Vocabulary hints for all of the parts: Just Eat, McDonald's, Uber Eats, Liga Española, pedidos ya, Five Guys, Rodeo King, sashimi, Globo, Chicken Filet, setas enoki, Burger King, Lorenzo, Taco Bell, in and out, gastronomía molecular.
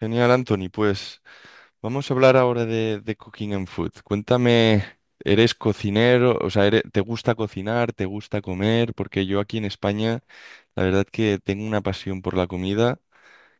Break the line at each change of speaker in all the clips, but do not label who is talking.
Genial, Anthony. Pues vamos a hablar ahora de cooking and food. Cuéntame, ¿eres cocinero? O sea, ¿te gusta cocinar? ¿Te gusta comer? Porque yo aquí en España, la verdad que tengo una pasión por la comida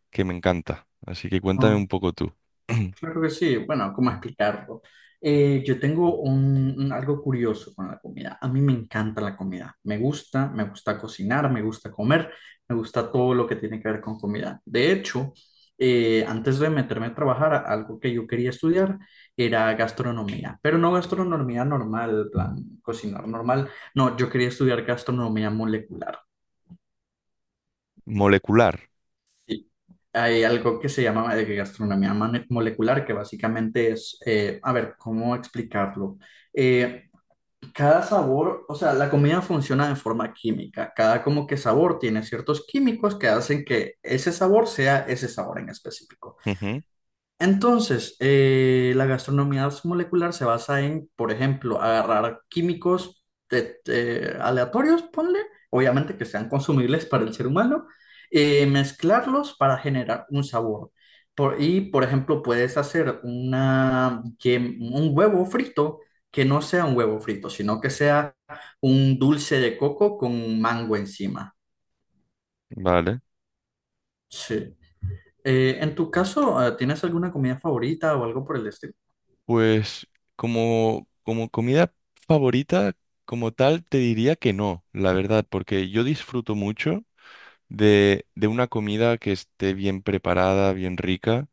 que me encanta. Así que cuéntame
Ah,
un poco tú.
Claro que sí. Bueno, ¿cómo explicarlo? Yo tengo algo curioso con la comida. A mí me encanta la comida. Me gusta cocinar, me gusta comer, me gusta todo lo que tiene que ver con comida. De hecho, antes de meterme a trabajar, algo que yo quería estudiar era gastronomía, pero no gastronomía normal, en plan, cocinar normal. No, yo quería estudiar gastronomía molecular.
Molecular.
Hay algo que se llama gastronomía molecular, que básicamente es, a ver, ¿cómo explicarlo? Eh, cada sabor, o sea, la comida funciona de forma química. Cada como que sabor tiene ciertos químicos que hacen que ese sabor sea ese sabor en específico.
Ujú.
Entonces, la gastronomía molecular se basa en, por ejemplo, agarrar químicos aleatorios, ponle, obviamente que sean consumibles para el ser humano, mezclarlos para generar un sabor. Y, por ejemplo, puedes hacer una, un huevo frito que no sea un huevo frito, sino que sea un dulce de coco con mango encima.
Vale.
Sí. En tu caso, ¿tienes alguna comida favorita o algo por el estilo?
Pues como comida favorita, como tal, te diría que no, la verdad, porque yo disfruto mucho de una comida que esté bien preparada, bien rica.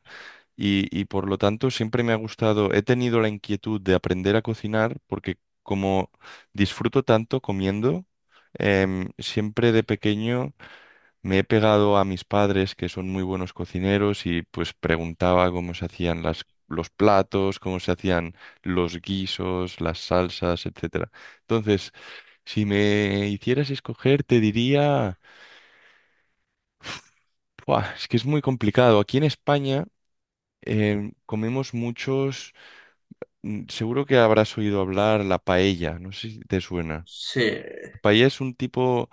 Y por lo tanto siempre me ha gustado, he tenido la inquietud de aprender a cocinar porque como disfruto tanto comiendo, siempre de pequeño me he pegado a mis padres, que son muy buenos cocineros, y pues preguntaba cómo se hacían los platos, cómo se hacían los guisos, las salsas, etcétera. Entonces, si me hicieras escoger, te diría, "Buah, es que es muy complicado. Aquí en España comemos muchos… Seguro que habrás oído hablar la paella, no sé si te suena.
Sí.
La paella es un tipo,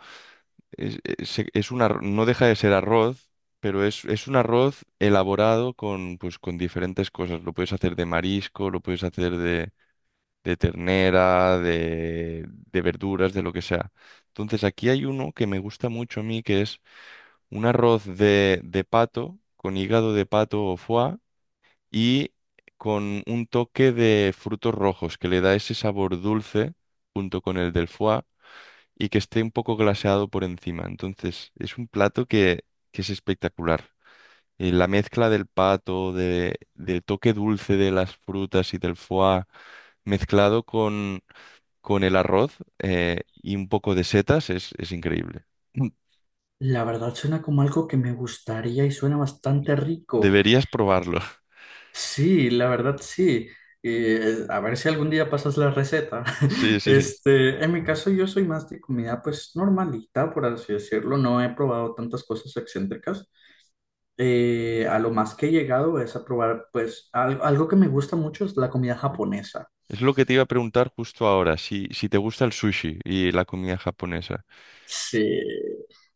es un no deja de ser arroz, pero es un arroz elaborado con, pues, con diferentes cosas. Lo puedes hacer de marisco, lo puedes hacer de ternera, de verduras, de lo que sea. Entonces aquí hay uno que me gusta mucho a mí, que es un arroz de pato, con hígado de pato o foie y con un toque de frutos rojos que le da ese sabor dulce junto con el del foie y que esté un poco glaseado por encima. Entonces, es un plato que es espectacular. Y la mezcla del pato, del toque dulce de las frutas y del foie mezclado con el arroz y un poco de setas es increíble.
La verdad suena como algo que me gustaría y suena bastante rico.
Deberías probarlo.
Sí, la verdad sí. A ver si algún día pasas la receta.
Sí, sí.
Este, en mi caso yo soy más de comida pues normalita, por así decirlo. No he probado tantas cosas excéntricas. A lo más que he llegado es a probar pues algo que me gusta mucho es la comida japonesa.
Es lo que te iba a preguntar justo ahora, si, si te gusta el sushi y la comida japonesa.
Sí,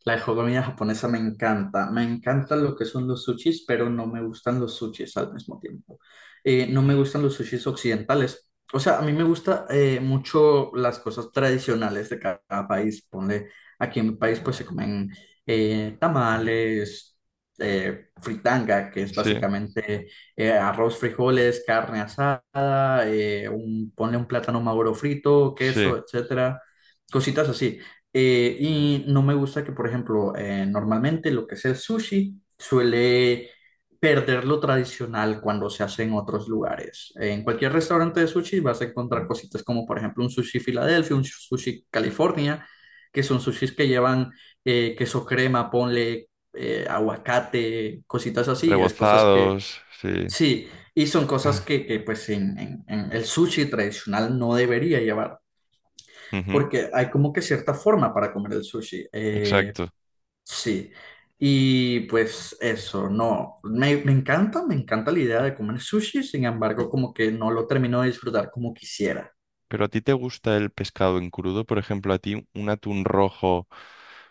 la comida japonesa me encanta. Me encanta lo que son los sushis, pero no me gustan los sushis al mismo tiempo. No me gustan los sushis occidentales. O sea, a mí me gusta mucho las cosas tradicionales de cada, país. Ponle, aquí en mi país pues se comen tamales, fritanga, que es
Sí,
básicamente arroz, frijoles, carne asada, un, ponle un plátano maduro frito,
sí,
queso, etcétera. Cositas así. Y no me gusta que, por ejemplo, normalmente lo que es el sushi suele perder lo tradicional cuando se hace en otros lugares. En cualquier restaurante de sushi vas a encontrar cositas como, por ejemplo, un sushi Filadelfia, un sushi California, que son sushis que llevan queso crema, ponle aguacate, cositas así. Es cosas que,
rebozados, sí.
sí, y son cosas que, pues, en el sushi tradicional no debería llevar
Ujú,
porque hay como que cierta forma para comer el sushi.
exacto.
Sí. Y pues eso, no, me encanta la idea de comer sushi, sin embargo, como que no lo termino de disfrutar como quisiera.
Pero a ti te gusta el pescado en crudo, por ejemplo, a ti un atún rojo,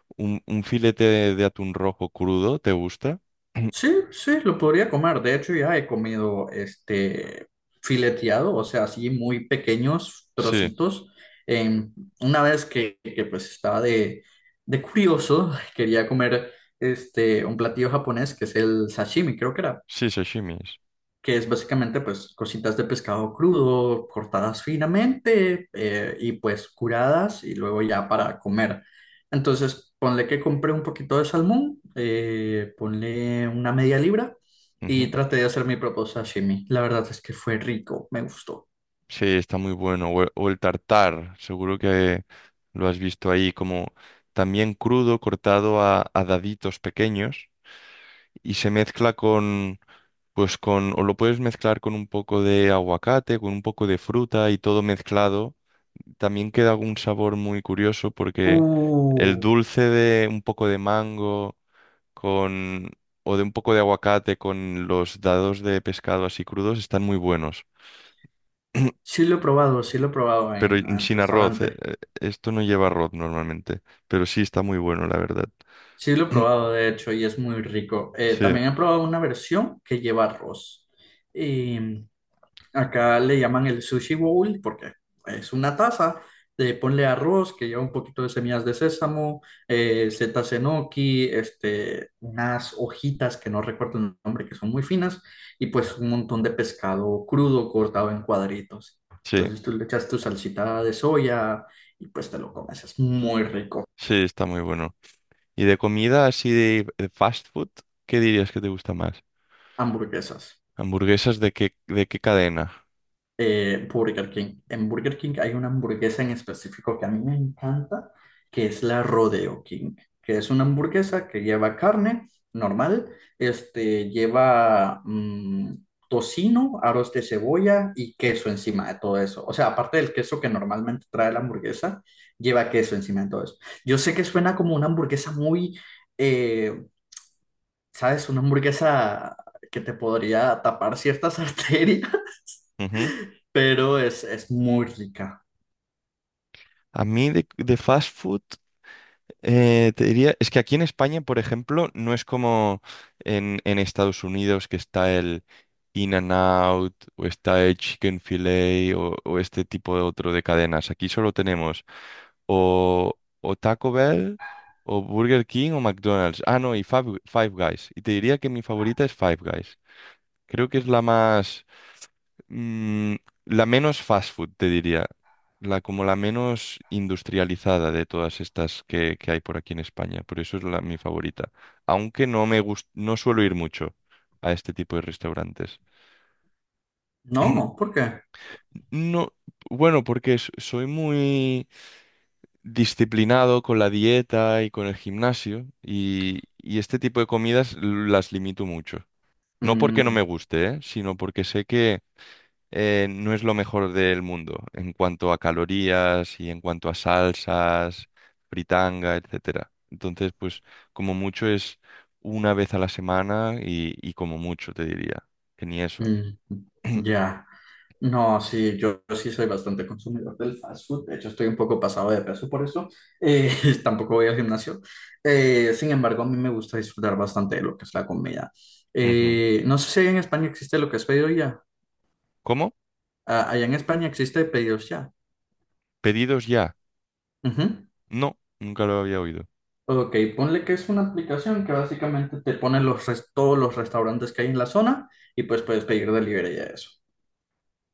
un filete de atún rojo crudo, ¿te gusta?
Sí, sí, lo podría comer. De hecho, ya he comido este fileteado, o sea, así muy pequeños
Sí,
trocitos. En- una vez que, pues estaba de curioso, quería comer este un platillo japonés que es el sashimi, creo que era.
sí, sashimis.
Que es básicamente pues cositas de pescado crudo, cortadas finamente y pues curadas y luego ya para comer. Entonces, ponle que compré un poquito de salmón, ponle una media libra y
Ujú.
traté de hacer mi propio sashimi. La verdad es que fue rico, me gustó.
Sí, está muy bueno. O el tartar, seguro que lo has visto ahí, como también crudo, cortado a daditos pequeños, y se mezcla con, pues con, o lo puedes mezclar con un poco de aguacate, con un poco de fruta y todo mezclado. También queda un sabor muy curioso porque el
Uh,
dulce de un poco de mango con, o de un poco de aguacate con los dados de pescado así crudos están muy buenos.
sí lo he probado, sí lo he probado
Pero
en
sin arroz,
restaurante.
esto no lleva arroz normalmente, pero sí está muy bueno, la verdad.
Sí lo he probado, de hecho, y es muy rico.
Sí,
También he probado una versión que lleva arroz. Em, Acá le llaman el sushi bowl porque es una taza de ponle arroz que lleva un poquito de semillas de sésamo, setas enoki, este, unas hojitas que no recuerdo el nombre, que son muy finas, y pues un montón de pescado crudo cortado en cuadritos.
sí,
Entonces tú le echas tu salsita de soya y pues te lo comes. Es muy rico.
sí, está muy bueno. Y de comida así de fast food, ¿qué dirías que te gusta más?
Hamburguesas.
¿Hamburguesas de qué cadena?
Burger King. En Burger King hay una hamburguesa en específico que a mí me encanta, que es la Rodeo King, que es una hamburguesa que lleva carne normal, este, lleva tocino, aros de cebolla y queso encima de todo eso. O sea, aparte del queso que normalmente trae la hamburguesa, lleva queso encima de todo eso. Yo sé que suena como una hamburguesa muy, eh, ¿sabes? Una hamburguesa que te podría tapar ciertas arterias
Ujú.
pero es muy rica.
A mí de fast food, te diría, es que aquí en España, por ejemplo, no es como en Estados Unidos, que está el in and out o está el Chicken Filet o este tipo de otro de cadenas. Aquí solo tenemos o, o Taco Bell o Burger King o McDonald's. Ah, no, y Five, Five Guys. Y te diría que mi favorita es Five Guys. Creo que es la más, mm, la menos fast food, te diría. La como la menos industrializada de todas estas que hay por aquí en España. Por eso es la, mi favorita. Aunque no me no suelo ir mucho a este tipo de restaurantes.
No, ¿por qué?
No, bueno, porque soy muy disciplinado con la dieta y con el gimnasio, y este tipo de comidas las limito mucho. No porque no me
Mm,
guste, ¿eh? Sino porque sé que no es lo mejor del mundo en cuanto a calorías y en cuanto a salsas, fritanga, etcétera. Entonces, pues como mucho es una vez a la semana y como mucho te diría, que ni eso.
mm, ya. No, sí, yo sí soy bastante consumidor del fast food. De hecho, estoy un poco pasado de peso por eso. Eh, tampoco voy al gimnasio. Sin embargo, a mí me gusta disfrutar bastante de lo que es la comida.
Ujú.
No sé si en España existe lo que es pedido ya.
¿Cómo?
Ah, allá en España existe pedidos ya.
¿Pedidos ya?
Ujú.
No, nunca lo había oído.
Ok, ponle que es una aplicación que básicamente te pone todos los restaurantes que hay en la zona y pues puedes pedir delivery de eso.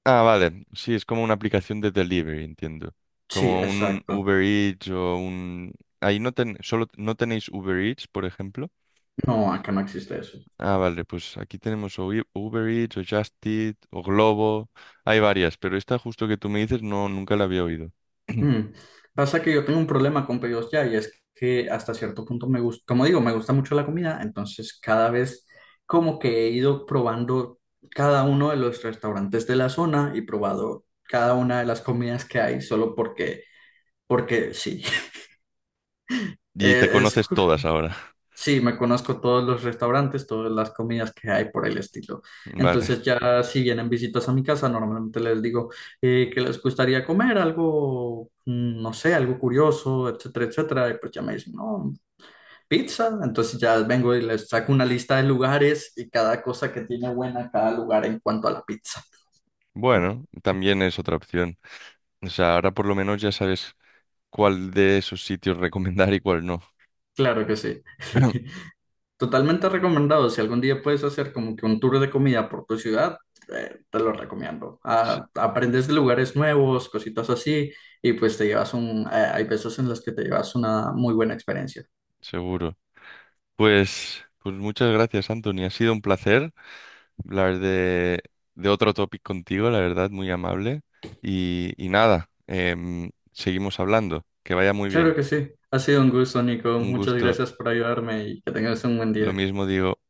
Ah, vale, sí, es como una aplicación de delivery, entiendo.
Sí,
Como un
exacto.
Uber Eats o un… Ahí no ten… solo no tenéis Uber Eats, por ejemplo.
No, acá no existe eso.
Ah, vale, pues aquí tenemos o Uber Eats, o Just Eat, o Globo. Hay varias, pero esta justo que tú me dices no, nunca la había oído.
Mm. Pasa que yo tengo un problema con pedidos ya y es que hasta cierto punto me gusta, como digo, me gusta mucho la comida, entonces cada vez como que he ido probando cada uno de los restaurantes de la zona y probado cada una de las comidas que hay solo porque, porque sí.
Y te
Eh, Es,
conoces todas ahora.
Sí, me conozco todos los restaurantes, todas las comidas que hay por el estilo.
Vale.
Entonces ya si vienen visitas a mi casa, normalmente les digo que les gustaría comer algo, no sé, algo curioso, etcétera, etcétera. Y pues ya me dicen, no, pizza. Entonces ya vengo y les saco una lista de lugares y cada cosa que tiene buena cada lugar en cuanto a la pizza.
Bueno, también es otra opción. O sea, ahora por lo menos ya sabes cuál de esos sitios recomendar y cuál no.
Claro que sí. Totalmente recomendado. Si algún día puedes hacer como que un tour de comida por tu ciudad, te lo recomiendo.
Se-
Ah, aprendes de lugares nuevos, cositas así, y pues te llevas un... hay veces en las que te llevas una muy buena experiencia.
seguro. Pues, pues muchas gracias, Anthony. Ha sido un placer hablar de otro topic contigo, la verdad, muy amable. Y nada, seguimos hablando. Que vaya muy
Claro
bien.
que sí. Ha sido un gusto, Nico.
Un
Muchas
gusto.
gracias por ayudarme y que tengas un buen
Lo
día.
mismo digo.